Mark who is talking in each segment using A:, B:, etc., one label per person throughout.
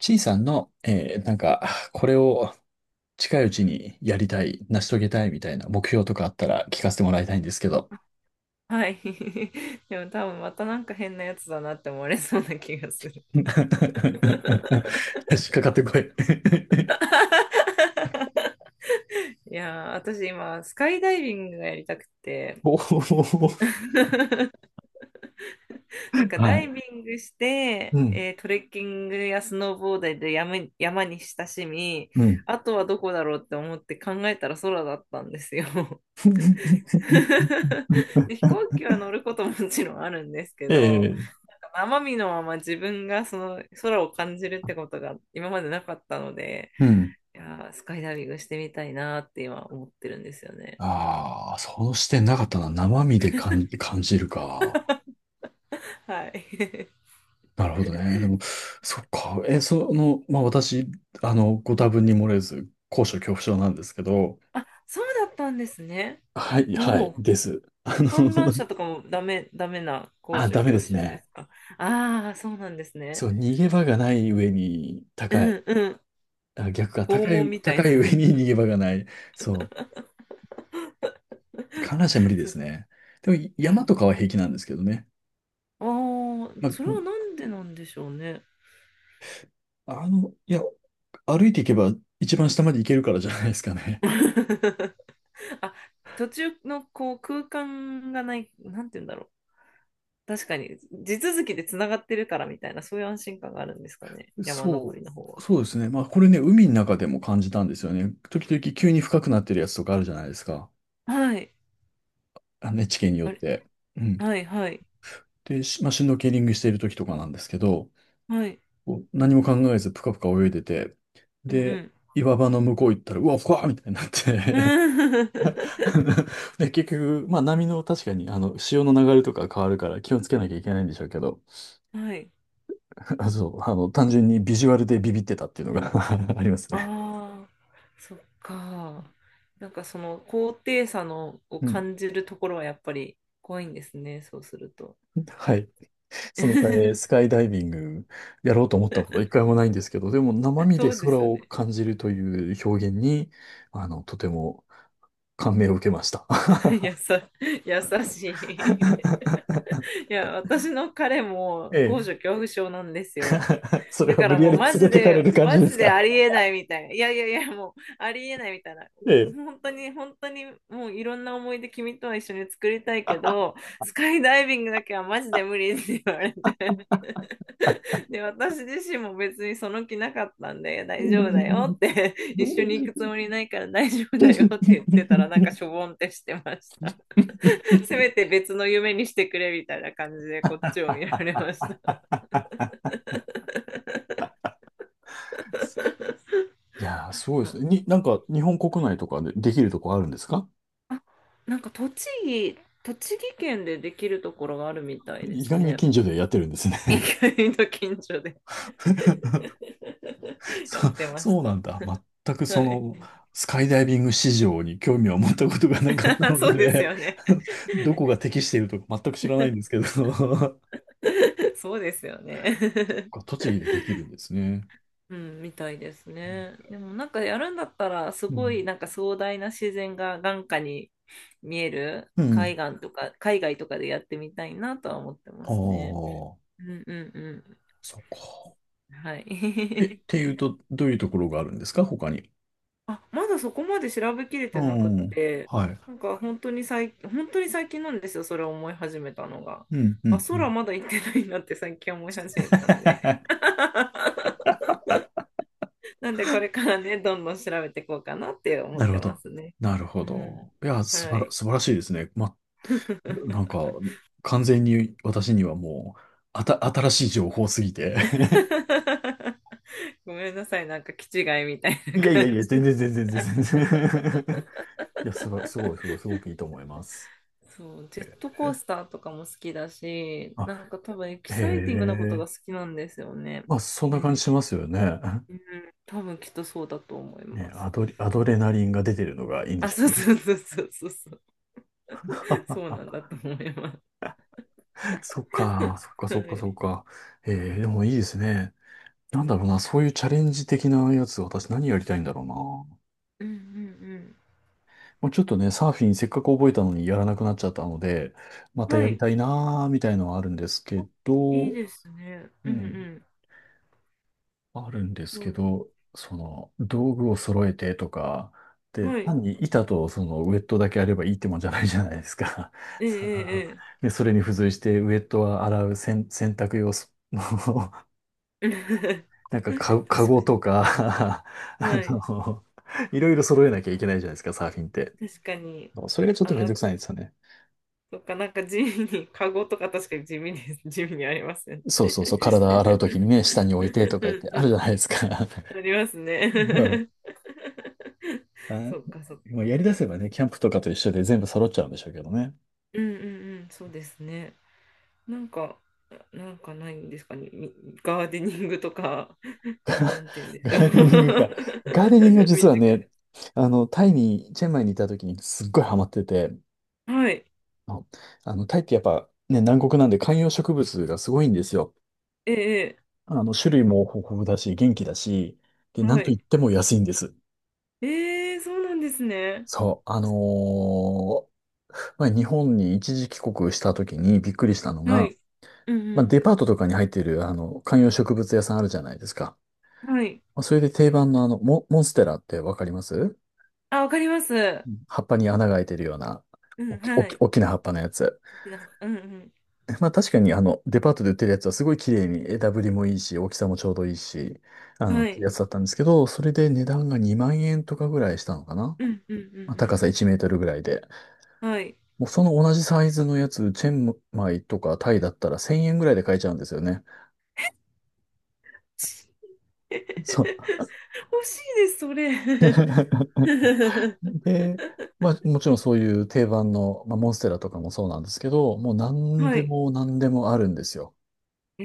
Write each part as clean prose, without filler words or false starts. A: ちいさんの、これを近いうちにやりたい、成し遂げたいみたいな目標とかあったら聞かせてもらいたいんですけど。
B: はい。でも多分またなんか変なやつだなって思われそうな気がする。
A: 引っかかってこい。
B: いやー、私今、スカイダイビングがやりたくて、
A: お お。
B: なんか
A: は
B: ダイ
A: い。
B: ビングして、
A: うん。
B: トレッキングやスノーボードで山に親しみ、
A: うん。
B: あとはどこだろうって思って考えたら空だったんですよ。で、飛行機は乗ることももちろんあるんですけど、
A: ええ、
B: 生身のまま自分がその空を感じるってことが今までなかったので、
A: うん。
B: いやー、スカイダイビングしてみたいなって今思ってるんですよね。
A: ああ、その視点なかったな。生身で感じるか。
B: はい。
A: なるほどね。でも、そっか。え、その、まあ、私、ご多分に漏れず、高所恐怖症なんですけど、
B: あ、そうだったんですね。
A: はい、は
B: お
A: い、
B: お、
A: です。
B: 観覧 車とかもダメな高
A: あ、
B: 所
A: ダメ
B: 恐
A: で
B: 怖
A: す
B: 症で
A: ね。
B: すか？ああー、そうなんです
A: そ
B: ね。
A: う、逃げ場がない上に
B: う
A: 高
B: ん
A: い。
B: うん。
A: あ、逆か、
B: 拷
A: 高
B: 問
A: い、
B: みたい
A: 高い
B: な。
A: 上に逃げ場がない。そう、観覧車無理 で
B: そう。
A: すね。でも、
B: いや
A: 山
B: ー、
A: とかは平気なんですけどね。
B: ああ、
A: ま
B: それはなんでなんでしょうね。
A: あ、歩いていけば一番下まで行けるからじゃないですかね。
B: あ、途中のこう空間がない、なんて言うんだろう。確かに、地続きでつながってるからみたいな、そういう安心感があるんですかね、山登
A: そ
B: りの方
A: う、
B: は。
A: そうですね。まあ、これね、海の中でも感じたんですよね。時々急に深くなってるやつとかあるじゃないですか。
B: はい。
A: 地形によっ
B: あれ、
A: て。うん。
B: はい、はい、
A: で、しまあ、シュノーケリングしている時とかなんですけど、
B: はい。
A: こう何も考えずぷかぷか泳いでて、
B: うんう
A: で、
B: ん。
A: 岩場の向こう行ったら、うわ、ふわーみたいになっ
B: う
A: て。
B: ん
A: で、結局、まあ波の確かに、潮の流れとか変わるから気をつけなきゃいけないんでしょうけど、
B: はい。
A: あ、そう、単純にビジュアルでビビってたっていうのが ありますね。
B: ああ、そっか。なんかその高低差のを
A: うん。
B: 感じるところはやっぱり怖いんですね、そうすると。
A: はい。そのため、ス カイダイビングやろうと思ったことは一回もないんですけど、でも生身で
B: そうで
A: 空
B: すよ
A: を
B: ね。
A: 感じるという表現に、とても感銘を受けました。
B: やさ、優しい。いや、私の彼 も
A: え
B: 高所
A: え。
B: 恐怖症なんですよ。
A: それ
B: だ
A: は
B: か
A: 無
B: ら
A: 理や
B: もう
A: り
B: マ
A: 連
B: ジ
A: れてかれ
B: で、
A: る感
B: マ
A: じで
B: ジ
A: す
B: で
A: か？
B: ありえないみたいな。いやいやいや、もうありえないみたいな。
A: え
B: 本当に、本当に、もういろんな思い出君とは一緒に作りたいけど、スカイダイビングだけはマジで無理って言われて。で、私自身も別にその気なかったんで、大丈夫だよ
A: え。
B: って、一緒に行くつもり ないから大丈夫だよって言ってたら、なんかしょぼんってしてました。せめて別の夢にしてくれみたいな感じで、こっちを見られました。
A: いやー、すごいですね。なんか、日本国内とかでできるとこあるんですか？
B: あ、なんか栃木県でできるところがあるみたいで
A: 意
B: す
A: 外に
B: ね。
A: 近所でやってるんですね。
B: 意外と近所で
A: そ、
B: やってまし
A: そう
B: た。
A: なんだ。全く
B: は
A: そ
B: い。
A: の、スカイダイビング市場に興味を持ったことがなかった の
B: そうです
A: で、
B: よね。
A: どこが適しているとか全く知らないんですけど、
B: そうですよね。
A: 栃木でできるんですね。
B: うん、みたいですね。でもなんかやるんだったら、す
A: う
B: ごい
A: ん。
B: なんか壮大な自然が眼下に見える
A: う
B: 海
A: ん。
B: 岸とか、海外とかでやってみたいなとは思ってま
A: あ
B: すね。
A: あ、
B: うんうんう
A: そっか。
B: ん。はい。
A: え、っていうと、どういうところがあるんですか、他に。
B: あ、まだそこまで調べきれ
A: う
B: てなくっ
A: ん。
B: て、
A: はい。
B: なんか本当に最近、本当に最近なんですよ、それを思い始めたのが。
A: うん、う
B: あ、
A: ん、うん。
B: 空まだ行ってないなって最近思い始めたんで。なんでこれからね、どんどん調べていこうかなって思
A: な
B: っ
A: る
B: て
A: ほ
B: ま
A: ど。
B: すね。
A: なるほ
B: うん。
A: ど。いや、
B: はい。
A: 素晴らしいですね。ま、なんか、完全に私にはもう、新しい情報すぎて。
B: ごめんなさい、なんか気違いみたいな
A: いやいやい
B: 感
A: や、全
B: じ。
A: 然全然全然全然。いや、すごい、すごい、すごい、すごくいいと思います。
B: そう、ジェットコー
A: え、
B: スターとかも好きだし、
A: あ、
B: なんか多分エキ
A: へ
B: サイティングなことが
A: え。
B: 好きなんですよね。
A: まあ、そんな感じしますよね。
B: うん、多分きっとそうだと思い
A: ね、
B: ます。
A: アドレナリンが出てるのがいいんで
B: あ、
A: しょ
B: そ
A: う
B: う
A: ね。
B: そうそうそうそうそう、そうな んだと思います。
A: そっか、そっか、
B: は
A: そっか、そ
B: い。
A: っか。えー、でもいいですね。なんだろうな、そういうチャレンジ的なやつ、私何やりたいんだろうな。も
B: うんうん
A: うちょっとね、サーフィンせっかく覚えたのにやらなくなっちゃったので、ま
B: うん。
A: たや
B: は
A: り
B: い。
A: たいなーみたいのはあるんですけ
B: い
A: ど、
B: いですね。
A: う
B: うんう
A: ん、
B: ん。
A: あるんです
B: そ
A: け
B: う
A: ど、その、道具を揃えてとか、で、
B: はい。
A: 単に板とそのウェットだけあればいいってもんじゃないじゃないですか。
B: え
A: その、
B: ええ
A: で、それに付随してウェットは洗う洗、洗濯用ス
B: え。え
A: なん
B: え
A: かか、カ
B: 確
A: ゴ
B: か
A: と
B: に。
A: か、 あ
B: はい。
A: の、いろいろ揃えなきゃいけないじゃないですか、サーフィンって。
B: 確かに。
A: それがちょっとめ
B: あ、
A: んどくさいんですよね。
B: そっか、なんか地味に、カゴとか確かに地味です。地味にありますよね。
A: そうそうそう、体洗うときにね、下に置いて と
B: う
A: か言っ
B: ん
A: て
B: う
A: あるじゃ
B: ん。
A: ないですか。
B: あります
A: うん。
B: ね。
A: あ、
B: そっかそっ
A: もうやり出
B: か。
A: せばね、キャンプとかと一緒で全部揃っちゃうんでしょうけどね。
B: うんうんうん、そうですね。なんか、なんかないんですかね。ガーデニングとか、な んて言うんでしょ
A: ガーデニングが、ガーデニング
B: う。
A: 実
B: 身
A: は
B: 近
A: ね、タイに、チェンマイにいた時にすっごいハマってて、
B: な。はい。
A: タイってやっぱね、南国なんで観葉植物がすごいんですよ。
B: ええ、
A: 種類も豊富だし、元気だし、で、
B: ええ
A: なん
B: は
A: といっ
B: い。
A: ても安いんです。
B: ええ、そうなんですね。
A: そう、まあ、日本に一時帰国した時にびっくりしたの
B: は
A: が、
B: い。う
A: まあ、
B: ん
A: デパートとかに入ってる、観葉植物屋さんあるじゃないですか。
B: うん。はい。
A: まあ、それで定番のあの、モンステラってわかります？
B: あ、わかります。
A: 葉っぱに穴が開いてるような、
B: う
A: お
B: ん、
A: き、お
B: は
A: き、
B: い。
A: 大きな葉っぱのやつ。
B: 好きな、うんう
A: まあ、確かにあの、デパートで売ってるやつはすごい綺麗に枝ぶりもいいし、大きさもちょうどいいし、
B: ん。
A: っ
B: は
A: てや
B: い。
A: つだったんですけど、それで値段が2万円とかぐらいしたのかな。
B: うんうんう
A: まあ高
B: ん
A: さ1メートルぐらいで。
B: うん。はい。
A: もうその同じサイズのやつ、チェンマイとかタイだったら1000円ぐらいで買えちゃうんですよね。そう。
B: 欲しいです、それ。
A: で、まあもちろんそういう定番の、まあ、モンステラとかもそうなんですけど、もう何
B: は
A: で
B: い。
A: も何でもあるんですよ。
B: え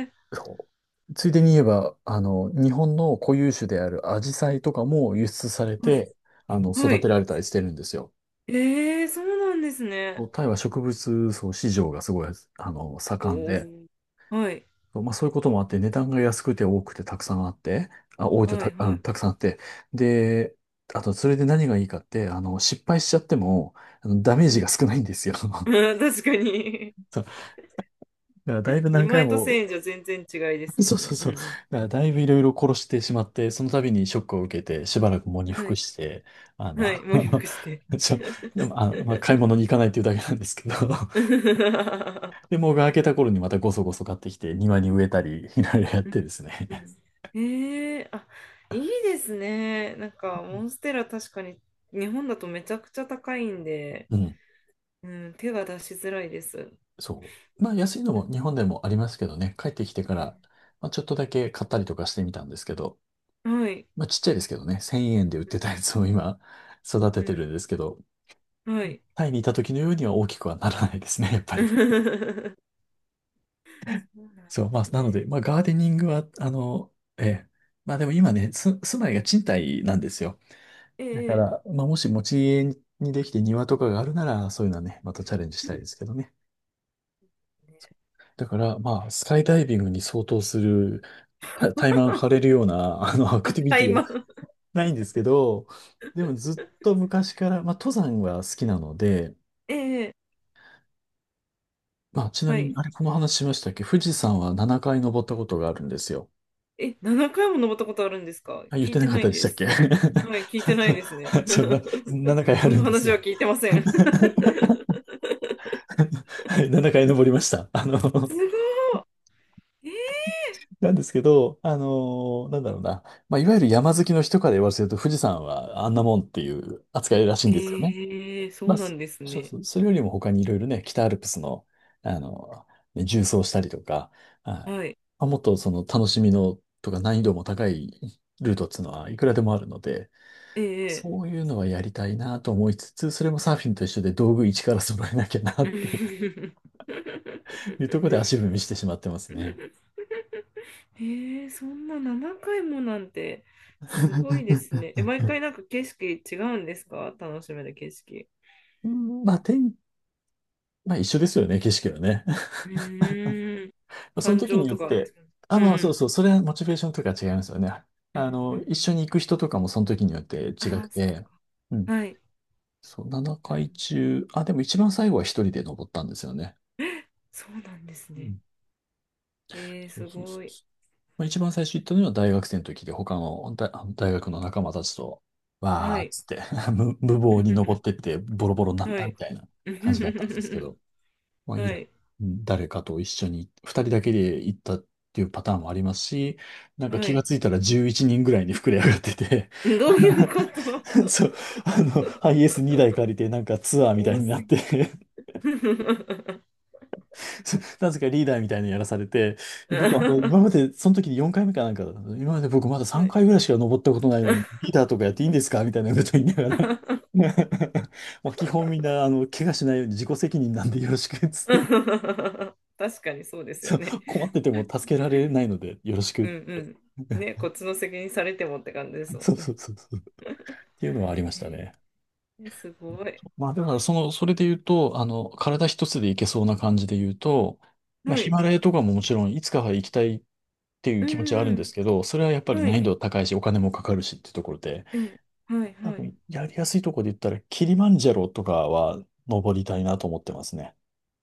B: え、
A: そうついでに言えば、日本の固有種であるアジサイとかも輸出され
B: はい。
A: て、
B: は
A: 育て
B: い。
A: られたりしてるんですよ。
B: ええそうなんですね。
A: タイは植物層市場がすごい、
B: お
A: 盛んで、
B: ー、はい、
A: まあそういうこともあって、値段が安くて多くてたくさんあって、あ、多いと
B: は
A: た、
B: い、
A: う
B: は
A: ん、た
B: い。
A: くさんあって、で、あとそれで何がいいかって、失敗しちゃっても、ダメー
B: う
A: ジが
B: ん。
A: 少ないんですよ。そ う
B: うん確かに。
A: だからだいぶ何
B: 2
A: 回
B: 枚と
A: も、
B: 1000円じゃ全然違いで すも
A: そう
B: ん
A: そ
B: ね。
A: う
B: うん
A: そう。
B: う
A: だか
B: ん。
A: らだいぶいろいろ殺してしまって、その度にショックを受けて、しばらく喪に
B: は
A: 服
B: い、
A: して、あの、
B: はい、もりリして。
A: ちょ、で も、まあ、買い物に行かないっていうだけなんですけど、
B: う ん
A: で、もうが明けた頃にまたごそごそ買ってきて、庭に植えたり、いろいろやってです
B: う
A: ね。
B: ん。ええあ、いいですね。なんか、モンステラ確かに日本だとめちゃくちゃ高いんで、
A: うん。
B: うん、手が出しづらいです。う
A: そう。まあ安いのも
B: ん
A: 日本でもありますけどね、帰ってきてから、まあ、ちょっとだけ買ったりとかしてみたんですけど、
B: うんはい。
A: まあちっちゃいですけどね、1000円で売ってたやつを今 育
B: う
A: てて
B: ん、
A: るんですけど、
B: はい。
A: タイにいた時のようには大きくはならないですね、やっぱ り。
B: そうなんで
A: そう、まあ
B: す
A: なので、
B: ね。
A: まあガーデニングは、ええ、まあでも今ね、住まいが賃貸なんですよ。
B: え
A: だか
B: え、
A: ら、まあもし持ち家にできて庭とかがあるなら、そういうのはね、またチャレンジしたいですけどね。だから、まあ、スカイダイビングに相当する、タイマン張れ るような、アク
B: あ、
A: ティビテ
B: 買い
A: ィが
B: ます。
A: ないんですけど、でもずっと昔から、まあ、登山は好きなので、
B: ええ、
A: まあ、ちな
B: は
A: みに、
B: い。
A: あれ、この話しましたっけ？富士山は7回登ったことがあるんですよ。
B: え、7回も登ったことあるんですか？
A: あ、言っ
B: 聞
A: て
B: いて
A: なかっ
B: な
A: た
B: い
A: でし
B: で
A: たっ
B: す。
A: け？
B: はい、聞いてないですね。
A: そんな、7 回あ
B: そん
A: る
B: な
A: んです
B: 話は
A: よ。
B: 聞いてません。す
A: はい、7回登りました。
B: ごい。え
A: なんですけど、なんだろうな。まあ、いわゆる山好きの人から言わせると、富士山はあんなもんっていう扱いらしい
B: え
A: んですよね。
B: ええそ
A: ま
B: う
A: あ、
B: な
A: そ
B: んです
A: そう
B: ね。
A: そう、それよりも他にいろいろね、北アルプスの、あの、ね縦走したりとか、あ、ま
B: はい。
A: あもっとその楽しみのとか難易度も高いルートっていうのはいくらでもあるので、
B: ええ
A: そういうのはやりたいなと思いつつ、それもサーフィンと一緒で道具一から揃えなきゃなって
B: え
A: いうところで
B: え
A: 足踏みしてしまってますね。
B: えそんな7回もなんて、すごいですね。え、毎回なんか景色違うんですか？楽しめる景色？
A: うん、まあ、まあ一緒ですよね、景色はね。
B: うーん。
A: その
B: 感
A: 時
B: 情
A: によっ
B: とか。
A: て、あ、
B: うん
A: まあ
B: う
A: そう
B: ん。
A: そう、それはモチベーションとか違いますよね。
B: うんう
A: 一
B: ん。
A: 緒に行く人とかもその時によって違
B: あ
A: く
B: あ、そっ
A: て、
B: か。
A: うん。
B: はい。
A: そう、
B: なる
A: 7
B: ほど
A: 回中、あ、でも一番最後は一人で登ったんですよね。
B: そうなんです
A: う
B: ね。
A: ん。
B: えー、
A: そう
B: す
A: そうそ
B: ご
A: う
B: い。
A: そう。まあ、一番最初行ったのは大学生の時で、他の大学の仲間たちと、
B: は
A: わーっ
B: い。
A: つって 無謀に登ってっ てボロボロになっ
B: は
A: たみ
B: い。
A: たいな感じだったんですけ ど。まあ、イ
B: は
A: ラン、
B: い。
A: うん、誰かと一緒に、二人だけで行ったっていうパターンもありますし、なんか
B: は
A: 気が
B: い。
A: ついたら11人ぐらいに膨れ上がってて、
B: どういうこと？
A: そう、ハイエース2台借りて、なんか ツアーみたい
B: 多
A: にな
B: す
A: っ
B: ぎ。
A: て なぜかリーダーみたいなのやらされて、で僕、今ま
B: は
A: で、その時に4回目かなんかだったの、今まで僕まだ3回
B: い。
A: ぐらいしか登ったことないのに、リーダーとかやっていいんですかみたいなこと言いながら まあ基本みんな、怪我しないように自己責任なんでよろしくっつって、
B: 確かにそうです
A: そ
B: よ
A: う、
B: ね。
A: 困ってても助けられないので、よろし
B: う
A: く。
B: んうん。ね、こっちの責任されてもって感じですも
A: そ
B: ん
A: うそ
B: ね。
A: うそうそう。っ ていうのはありましたね。
B: えすごい。
A: まあ、だからそれで言うと、体一つでいけそうな感じで言うと、まあ、
B: は
A: ヒ
B: い。
A: マラヤとかももちろんいつかは行きたいっていう
B: うん
A: 気持ちはあるん
B: う
A: で
B: ん
A: すけど、それはやっぱ
B: うん。
A: り
B: は
A: 難易
B: い。
A: 度高いし、お金もかかるしっていうところで、
B: ええ、はい
A: 多
B: はい。
A: 分やりやすいところで言ったら、キリマンジャロとかは登りたいなと思ってますね。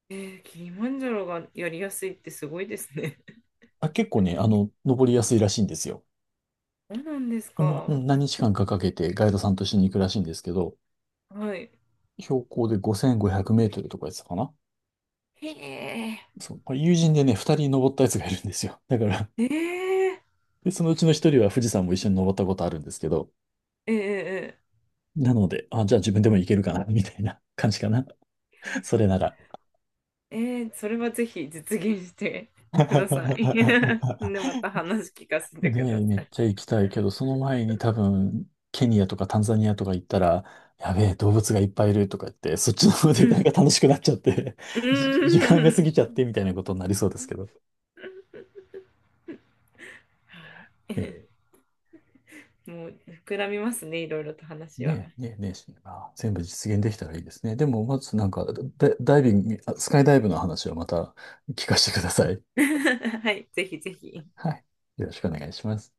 B: えー、キリマンジャロがやりやすいってすごいですね。
A: あ、結構ね、登りやすいらしいんですよ。
B: そうなんです
A: まあ、
B: か。
A: うん、何日間かかけてガイドさんと一緒に行くらしいんですけど、
B: はい。
A: 標高で5500メートルとかやつかな。
B: へえ。
A: そう、友人でね、二人登ったやつがいるんですよ。だから
B: えええ
A: で、そのうちの一人は富士山も一緒に登ったことあるんですけど、
B: ええ
A: なので、あ、じゃあ自分でも行けるかな、みたいな感じかな。それなら。
B: えええそれはぜひ実現してください。で、また話聞かせ
A: で、
B: てくだ
A: め
B: さ
A: っ
B: い。
A: ちゃ行きたいけど、その前に多分、ケニアとかタンザニアとか行ったら、やべえ、動物がいっぱいいるとか言って、そっちの方
B: う
A: でなんか
B: ん。
A: 楽しくなっちゃって、
B: う
A: じ時間が
B: ー
A: 過
B: ん。
A: ぎちゃってみたいなことになりそうですけど。
B: は
A: ええ、
B: い。もう膨らみますね、いろいろと話は。
A: ねえ、ねえ、ねえ、全部実現できたらいいですね。でも、まずなんか、ダダイビング、あスカイダイブの話はまた聞かせてください。
B: はい、ぜひぜひ。
A: はい。よろしくお願いします。